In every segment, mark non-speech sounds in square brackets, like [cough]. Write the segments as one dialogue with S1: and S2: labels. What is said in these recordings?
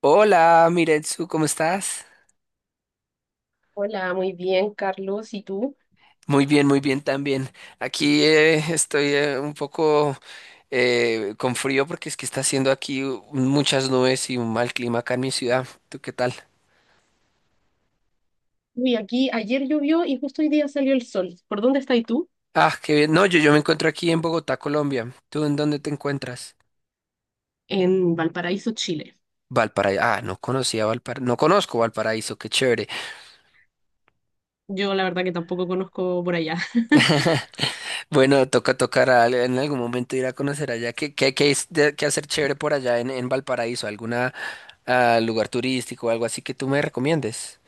S1: Hola, Miretsu, ¿cómo estás?
S2: Hola, muy bien, Carlos. ¿Y tú?
S1: Muy bien también. Aquí estoy un poco con frío porque es que está haciendo aquí muchas nubes y un mal clima acá en mi ciudad. ¿Tú qué tal?
S2: Uy, aquí ayer llovió y justo hoy día salió el sol. ¿Por dónde estás tú?
S1: Ah, qué bien. No, yo me encuentro aquí en Bogotá, Colombia. ¿Tú en dónde te encuentras?
S2: En Valparaíso, Chile.
S1: Valparaíso. Ah, no conocía Valparaíso. No conozco Valparaíso, qué chévere.
S2: Yo la verdad que tampoco conozco por allá. [laughs]
S1: [laughs] Bueno, toca en algún momento ir a conocer allá. Qué hacer chévere por allá en, Valparaíso? ¿Alguna a lugar turístico o algo así que tú me recomiendes.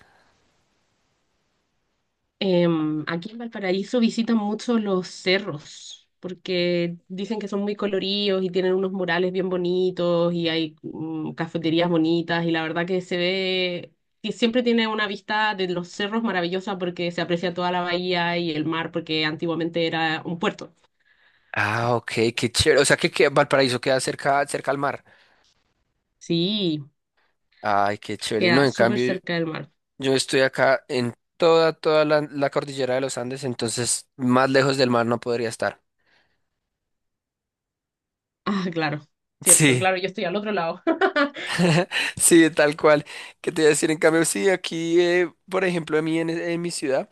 S2: Aquí en Valparaíso visitan mucho los cerros, porque dicen que son muy coloridos y tienen unos murales bien bonitos y hay cafeterías bonitas y la verdad que se ve, que siempre tiene una vista de los cerros maravillosa porque se aprecia toda la bahía y el mar porque antiguamente era un puerto.
S1: Ah, ok, qué chévere. O sea que Valparaíso queda cerca, cerca al mar.
S2: Sí.
S1: Ay, qué chévere. No,
S2: Queda
S1: en
S2: súper
S1: cambio,
S2: cerca del mar. [laughs]
S1: yo estoy acá en toda la cordillera de los Andes, entonces más lejos del mar no podría estar.
S2: Ah, claro, cierto,
S1: Sí.
S2: claro, yo estoy al otro lado. [laughs]
S1: Sí, tal cual. ¿Qué te iba a decir? En cambio, sí, aquí, por ejemplo, a mí en mi ciudad,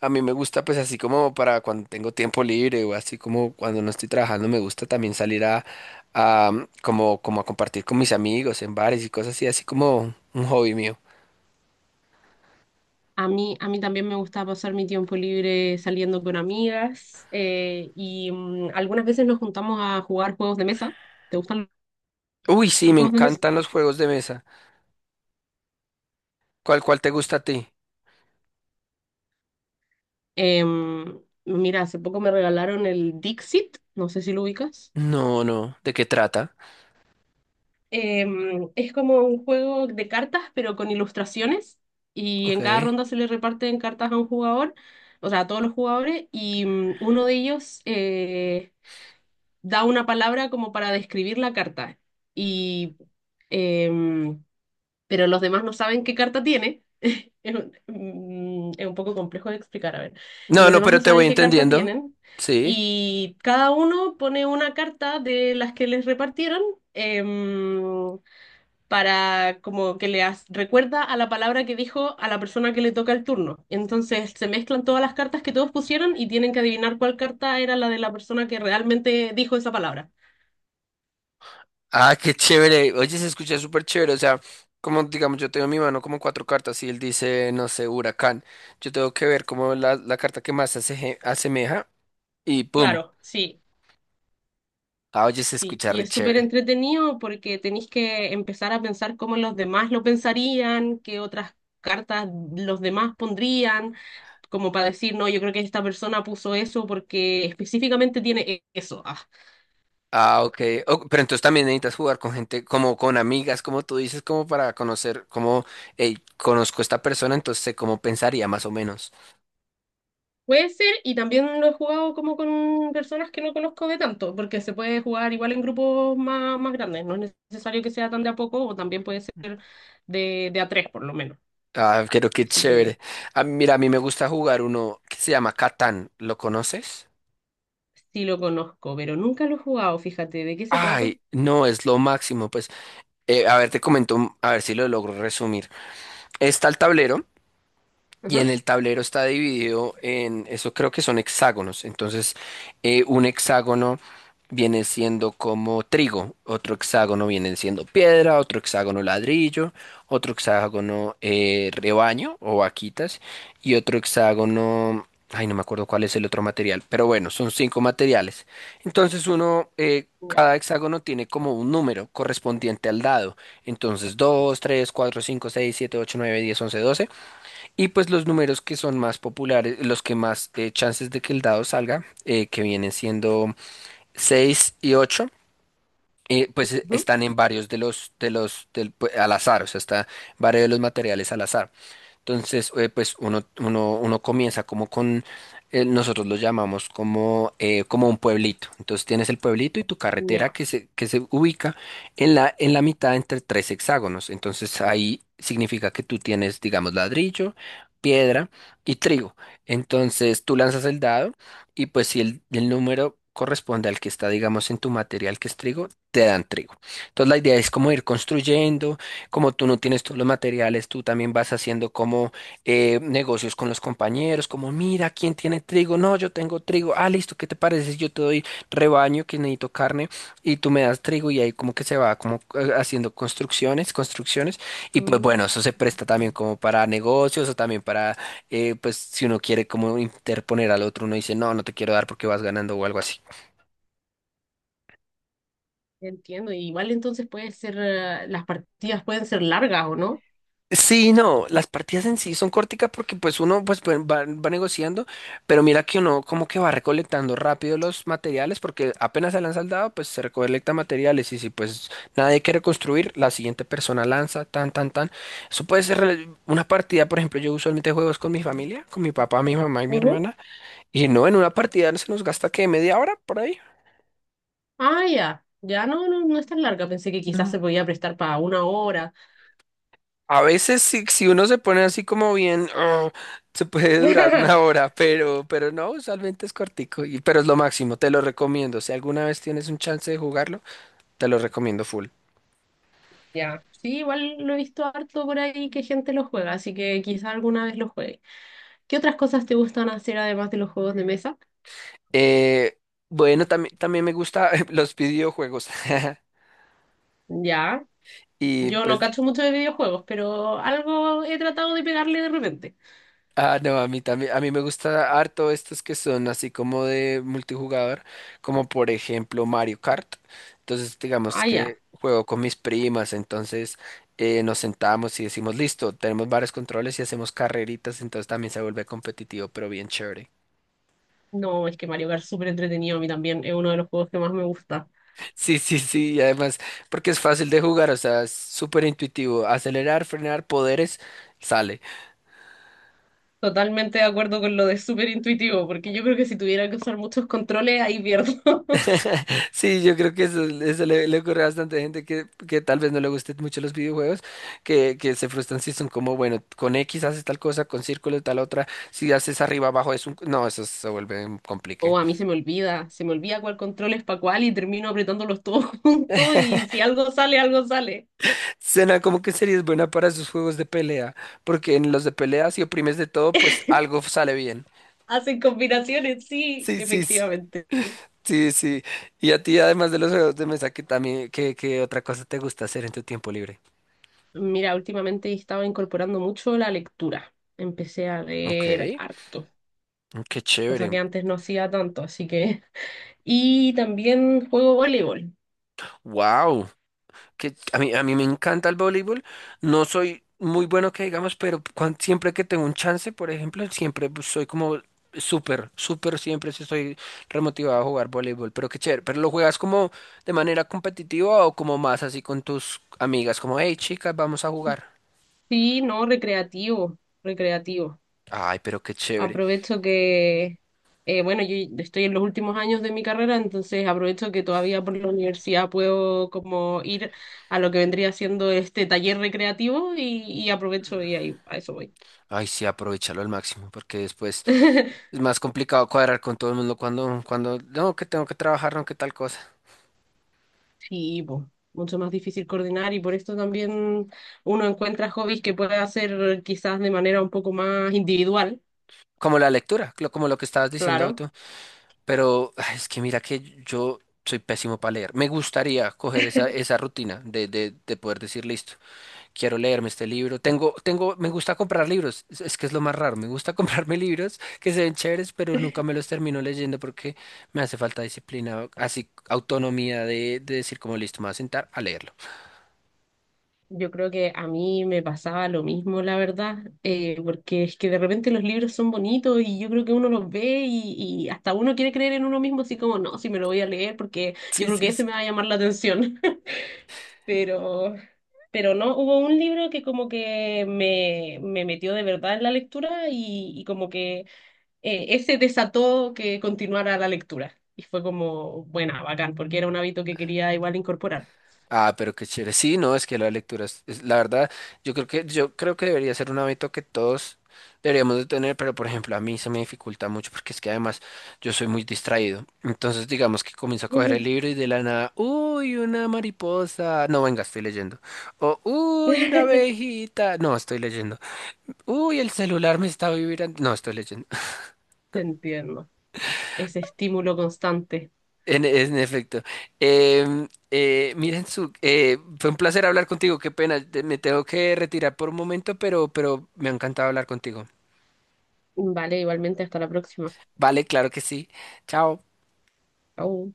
S1: a mí me gusta pues así como para cuando tengo tiempo libre o así como cuando no estoy trabajando, me gusta también salir a, mm, como, como a compartir con mis amigos en bares y cosas así, así como un hobby mío.
S2: A mí también me gusta pasar mi tiempo libre saliendo con amigas y algunas veces nos juntamos a jugar juegos de mesa. ¿Te gustan
S1: Uy, sí,
S2: los
S1: me
S2: juegos de mesa?
S1: encantan los juegos de mesa. ¿Cuál te gusta a ti?
S2: Em, Mira, hace poco me regalaron el Dixit, no sé si lo ubicas.
S1: No, no. ¿De qué trata?
S2: Es como un juego de cartas, pero con ilustraciones. Y
S1: Ok.
S2: en cada ronda se le reparten cartas a un jugador, o sea, a todos los jugadores, y uno de ellos da una palabra como para describir la carta. Y, em, pero los demás no saben qué carta tiene. Es un poco complejo de explicar, a ver. Y
S1: No,
S2: los
S1: no,
S2: demás no
S1: pero te
S2: saben
S1: voy
S2: qué carta
S1: entendiendo.
S2: tienen.
S1: Sí.
S2: Y cada uno pone una carta de las que les repartieron, em, para como que recuerda a la palabra que dijo a la persona que le toca el turno. Entonces se mezclan todas las cartas que todos pusieron y tienen que adivinar cuál carta era la de la persona que realmente dijo esa palabra.
S1: Ah, qué chévere. Oye, se escucha súper chévere. O sea, como digamos, yo tengo en mi mano como cuatro cartas y él dice, no sé, huracán. Yo tengo que ver como la carta que más se asemeja y ¡pum!
S2: Claro, sí,
S1: Ah, oye, se
S2: sí.
S1: escucha
S2: Y
S1: re
S2: es súper
S1: chévere.
S2: entretenido porque tenéis que empezar a pensar cómo los demás lo pensarían, qué otras cartas los demás pondrían, como para decir, no, yo creo que esta persona puso eso porque específicamente eso. Ah.
S1: Ah, ok. Oh, pero entonces también necesitas jugar con gente, como con amigas, como tú dices, como para conocer, como, hey, conozco a esta persona, entonces sé cómo pensaría más o menos.
S2: Puede ser, y también lo he jugado como con personas que no conozco de tanto, porque se puede jugar igual en grupos más grandes, no es necesario que sea tan de a poco, o también puede ser de a tres por lo menos.
S1: Ah, pero qué
S2: Así
S1: chévere.
S2: que
S1: Ah, mira, a mí me gusta jugar uno que se llama Catán. ¿Lo conoces?
S2: sí lo conozco, pero nunca lo he jugado, fíjate, ¿de qué se trata?
S1: Ay, no, es lo máximo. Pues. A ver, te comento, a ver si lo logro resumir. Está el tablero, y en
S2: Ajá,
S1: el tablero está dividido en, eso creo que son hexágonos. Entonces, un hexágono viene siendo como trigo, otro hexágono viene siendo piedra, otro hexágono ladrillo, otro hexágono rebaño o vaquitas y otro hexágono, ay, no me acuerdo cuál es el otro material, pero bueno, son cinco materiales. Entonces
S2: ya,
S1: cada hexágono tiene como un número correspondiente al dado. Entonces 2 3 4 5 6 7 8 9 10 11 12 y pues los números que son más populares, los que más chances de que el dado salga, que vienen siendo 6 y ocho, pues
S2: ujú,
S1: están en varios de los, del- pu- al azar, o sea, está en varios de los materiales al azar. Entonces, pues uno comienza como con, nosotros lo llamamos como un pueblito. Entonces tienes el pueblito y tu carretera
S2: ya.
S1: que se ubica en la, mitad entre tres hexágonos. Entonces ahí significa que tú tienes, digamos, ladrillo, piedra y trigo. Entonces tú lanzas el dado y pues si el número corresponde al que está, digamos, en tu material que es trigo, te dan trigo. Entonces la idea es como ir construyendo como tú no tienes todos los materiales, tú también vas haciendo como negocios con los compañeros, como mira, ¿quién tiene trigo? No, yo tengo trigo. Ah, listo, ¿qué te parece si yo te doy rebaño que necesito carne y tú me das trigo y ahí como que se va como haciendo construcciones, construcciones y pues bueno,
S2: Mm,
S1: eso se presta también como para negocios o también para pues si uno quiere como interponer al otro, uno dice, no, no te quiero dar porque vas ganando o algo así.
S2: Entiendo, y igual entonces puede ser, las partidas pueden ser largas o no.
S1: Sí, no, las partidas en sí son corticas porque pues uno va negociando, pero mira que uno como que va recolectando rápido los materiales porque apenas se lanza el dado, pues se recolecta materiales y si pues nadie quiere construir, la siguiente persona lanza, tan, tan, tan. Eso puede ser una partida, por ejemplo, yo usualmente juego es con mi familia, con mi papá, mi mamá y mi
S2: Ujú.
S1: hermana, y no, en una partida se nos gasta que media hora por ahí.
S2: Ah, ya, ya no, no, no es tan larga, pensé que quizás
S1: No.
S2: se podía prestar para una hora.
S1: A veces si uno se pone así como bien, "Ugh", se puede durar una
S2: [laughs]
S1: hora, pero, no, usualmente es cortico, y, pero es lo máximo, te lo recomiendo. Si alguna vez tienes un chance de jugarlo, te lo recomiendo full.
S2: Ya, sí, igual lo he visto harto por ahí que gente lo juega, así que quizá alguna vez lo juegue. ¿Qué otras cosas te gustan hacer además de los juegos de mesa?
S1: Eh, bueno, también me gusta [laughs] los videojuegos. [laughs]
S2: Ya,
S1: Y
S2: yo no
S1: pues.
S2: cacho mucho de videojuegos, pero algo he tratado de pegarle de repente.
S1: Ah, no, a mí también, a mí me gusta harto estos que son así como de multijugador, como por ejemplo Mario Kart. Entonces, digamos
S2: Ah, ya.
S1: que juego con mis primas, entonces nos sentamos y decimos, listo, tenemos varios controles y hacemos carreritas, entonces también se vuelve competitivo, pero bien chévere. [laughs]
S2: No, es que Mario Kart es súper entretenido a mí también, es uno de los juegos que más me gusta.
S1: Sí, sí, sí, y además, porque es fácil de jugar, o sea, es súper intuitivo, acelerar, frenar, poderes, sale.
S2: Totalmente de acuerdo con lo de súper intuitivo, porque yo creo que si tuviera que usar muchos controles, ahí pierdo. [laughs]
S1: Sí, yo creo que eso le ocurre a bastante gente que tal vez no le gusten mucho los videojuegos, que se frustran si son como, bueno, con X haces tal cosa, con círculo tal otra, si haces arriba abajo No, eso se vuelve un
S2: O
S1: complique.
S2: a mí se me olvida cuál control es para cuál y termino apretándolos todos [laughs] juntos y si algo sale, algo sale.
S1: Suena como que sería buena para esos juegos de pelea, porque en los de pelea si oprimes de todo, pues algo sale bien.
S2: Hacen combinaciones, sí,
S1: Sí, sí, sí.
S2: efectivamente.
S1: Sí, sí. Y a ti, además de los juegos de mesa, que también, ¿qué otra cosa te gusta hacer en tu tiempo libre?
S2: Mira, últimamente he estado incorporando mucho la lectura. Empecé a
S1: Ok,
S2: leer harto,
S1: qué
S2: cosa
S1: chévere.
S2: que antes no hacía tanto, así que... [laughs] Y también juego voleibol.
S1: Wow. Que a mí me encanta el voleibol. No soy muy bueno que digamos, pero siempre que tengo un chance, por ejemplo, siempre pues, soy como súper, súper, siempre sí estoy remotivado a jugar voleibol. Pero qué chévere. ¿Pero lo juegas como de manera competitiva o como más así con tus amigas? Como, hey, chicas, vamos a jugar.
S2: Sí, no, recreativo, recreativo.
S1: Ay, pero qué chévere.
S2: Aprovecho que, bueno, yo estoy en los últimos años de mi carrera, entonces aprovecho que todavía por la universidad puedo como ir a lo que vendría siendo este taller recreativo y aprovecho y ahí a eso voy.
S1: Ay, sí, aprovechalo al máximo, porque después
S2: [laughs]
S1: es más complicado cuadrar con todo el mundo cuando, no, que tengo que trabajar, no, que tal cosa.
S2: Sí, po, mucho más difícil coordinar y por esto también uno encuentra hobbies que puede hacer quizás de manera un poco más individual,
S1: Como la lectura, como lo que estabas diciendo
S2: claro.
S1: tú. Pero ay, es que mira que yo soy pésimo para leer. Me gustaría coger esa, rutina de poder decir, listo, quiero leerme este libro. Me gusta comprar libros. Es que es lo más raro. Me gusta [laughs] comprarme libros que se ven chéveres, pero nunca me los termino leyendo porque me hace falta disciplina, así autonomía de decir como listo, me voy a sentar a leerlo. [laughs]
S2: Yo creo que a mí me pasaba lo mismo, la verdad, porque es que de repente los libros son bonitos y yo creo que uno los ve y hasta uno quiere creer en uno mismo, así como, no, si me lo voy a leer porque yo
S1: Sí,
S2: creo que
S1: sí,
S2: ese
S1: sí.
S2: me va a llamar la atención. [laughs] Pero, pero no, hubo un libro que como que me metió de verdad en la lectura y como que... ese desató que continuara la lectura. Y fue como, buena, bacán, porque era un hábito que quería igual incorporar.
S1: Ah, pero qué chévere. Sí, no, es que la lectura la verdad, yo creo que debería ser un hábito que todos deberíamos de tener, pero por ejemplo, a mí se me dificulta mucho porque es que además yo soy muy distraído. Entonces, digamos que comienzo a coger el libro
S2: [laughs]
S1: y de la nada, uy, una mariposa. No, venga, estoy leyendo. O, uy, una abejita. No, estoy leyendo. Uy, el celular me está vibrando. No, estoy leyendo.
S2: Te entiendo. Ese estímulo constante.
S1: En efecto. Fue un placer hablar contigo. Qué pena, me tengo que retirar por un momento, pero, me ha encantado hablar contigo.
S2: Vale, igualmente, hasta la próxima.
S1: Vale, claro que sí. Chao.
S2: Chau.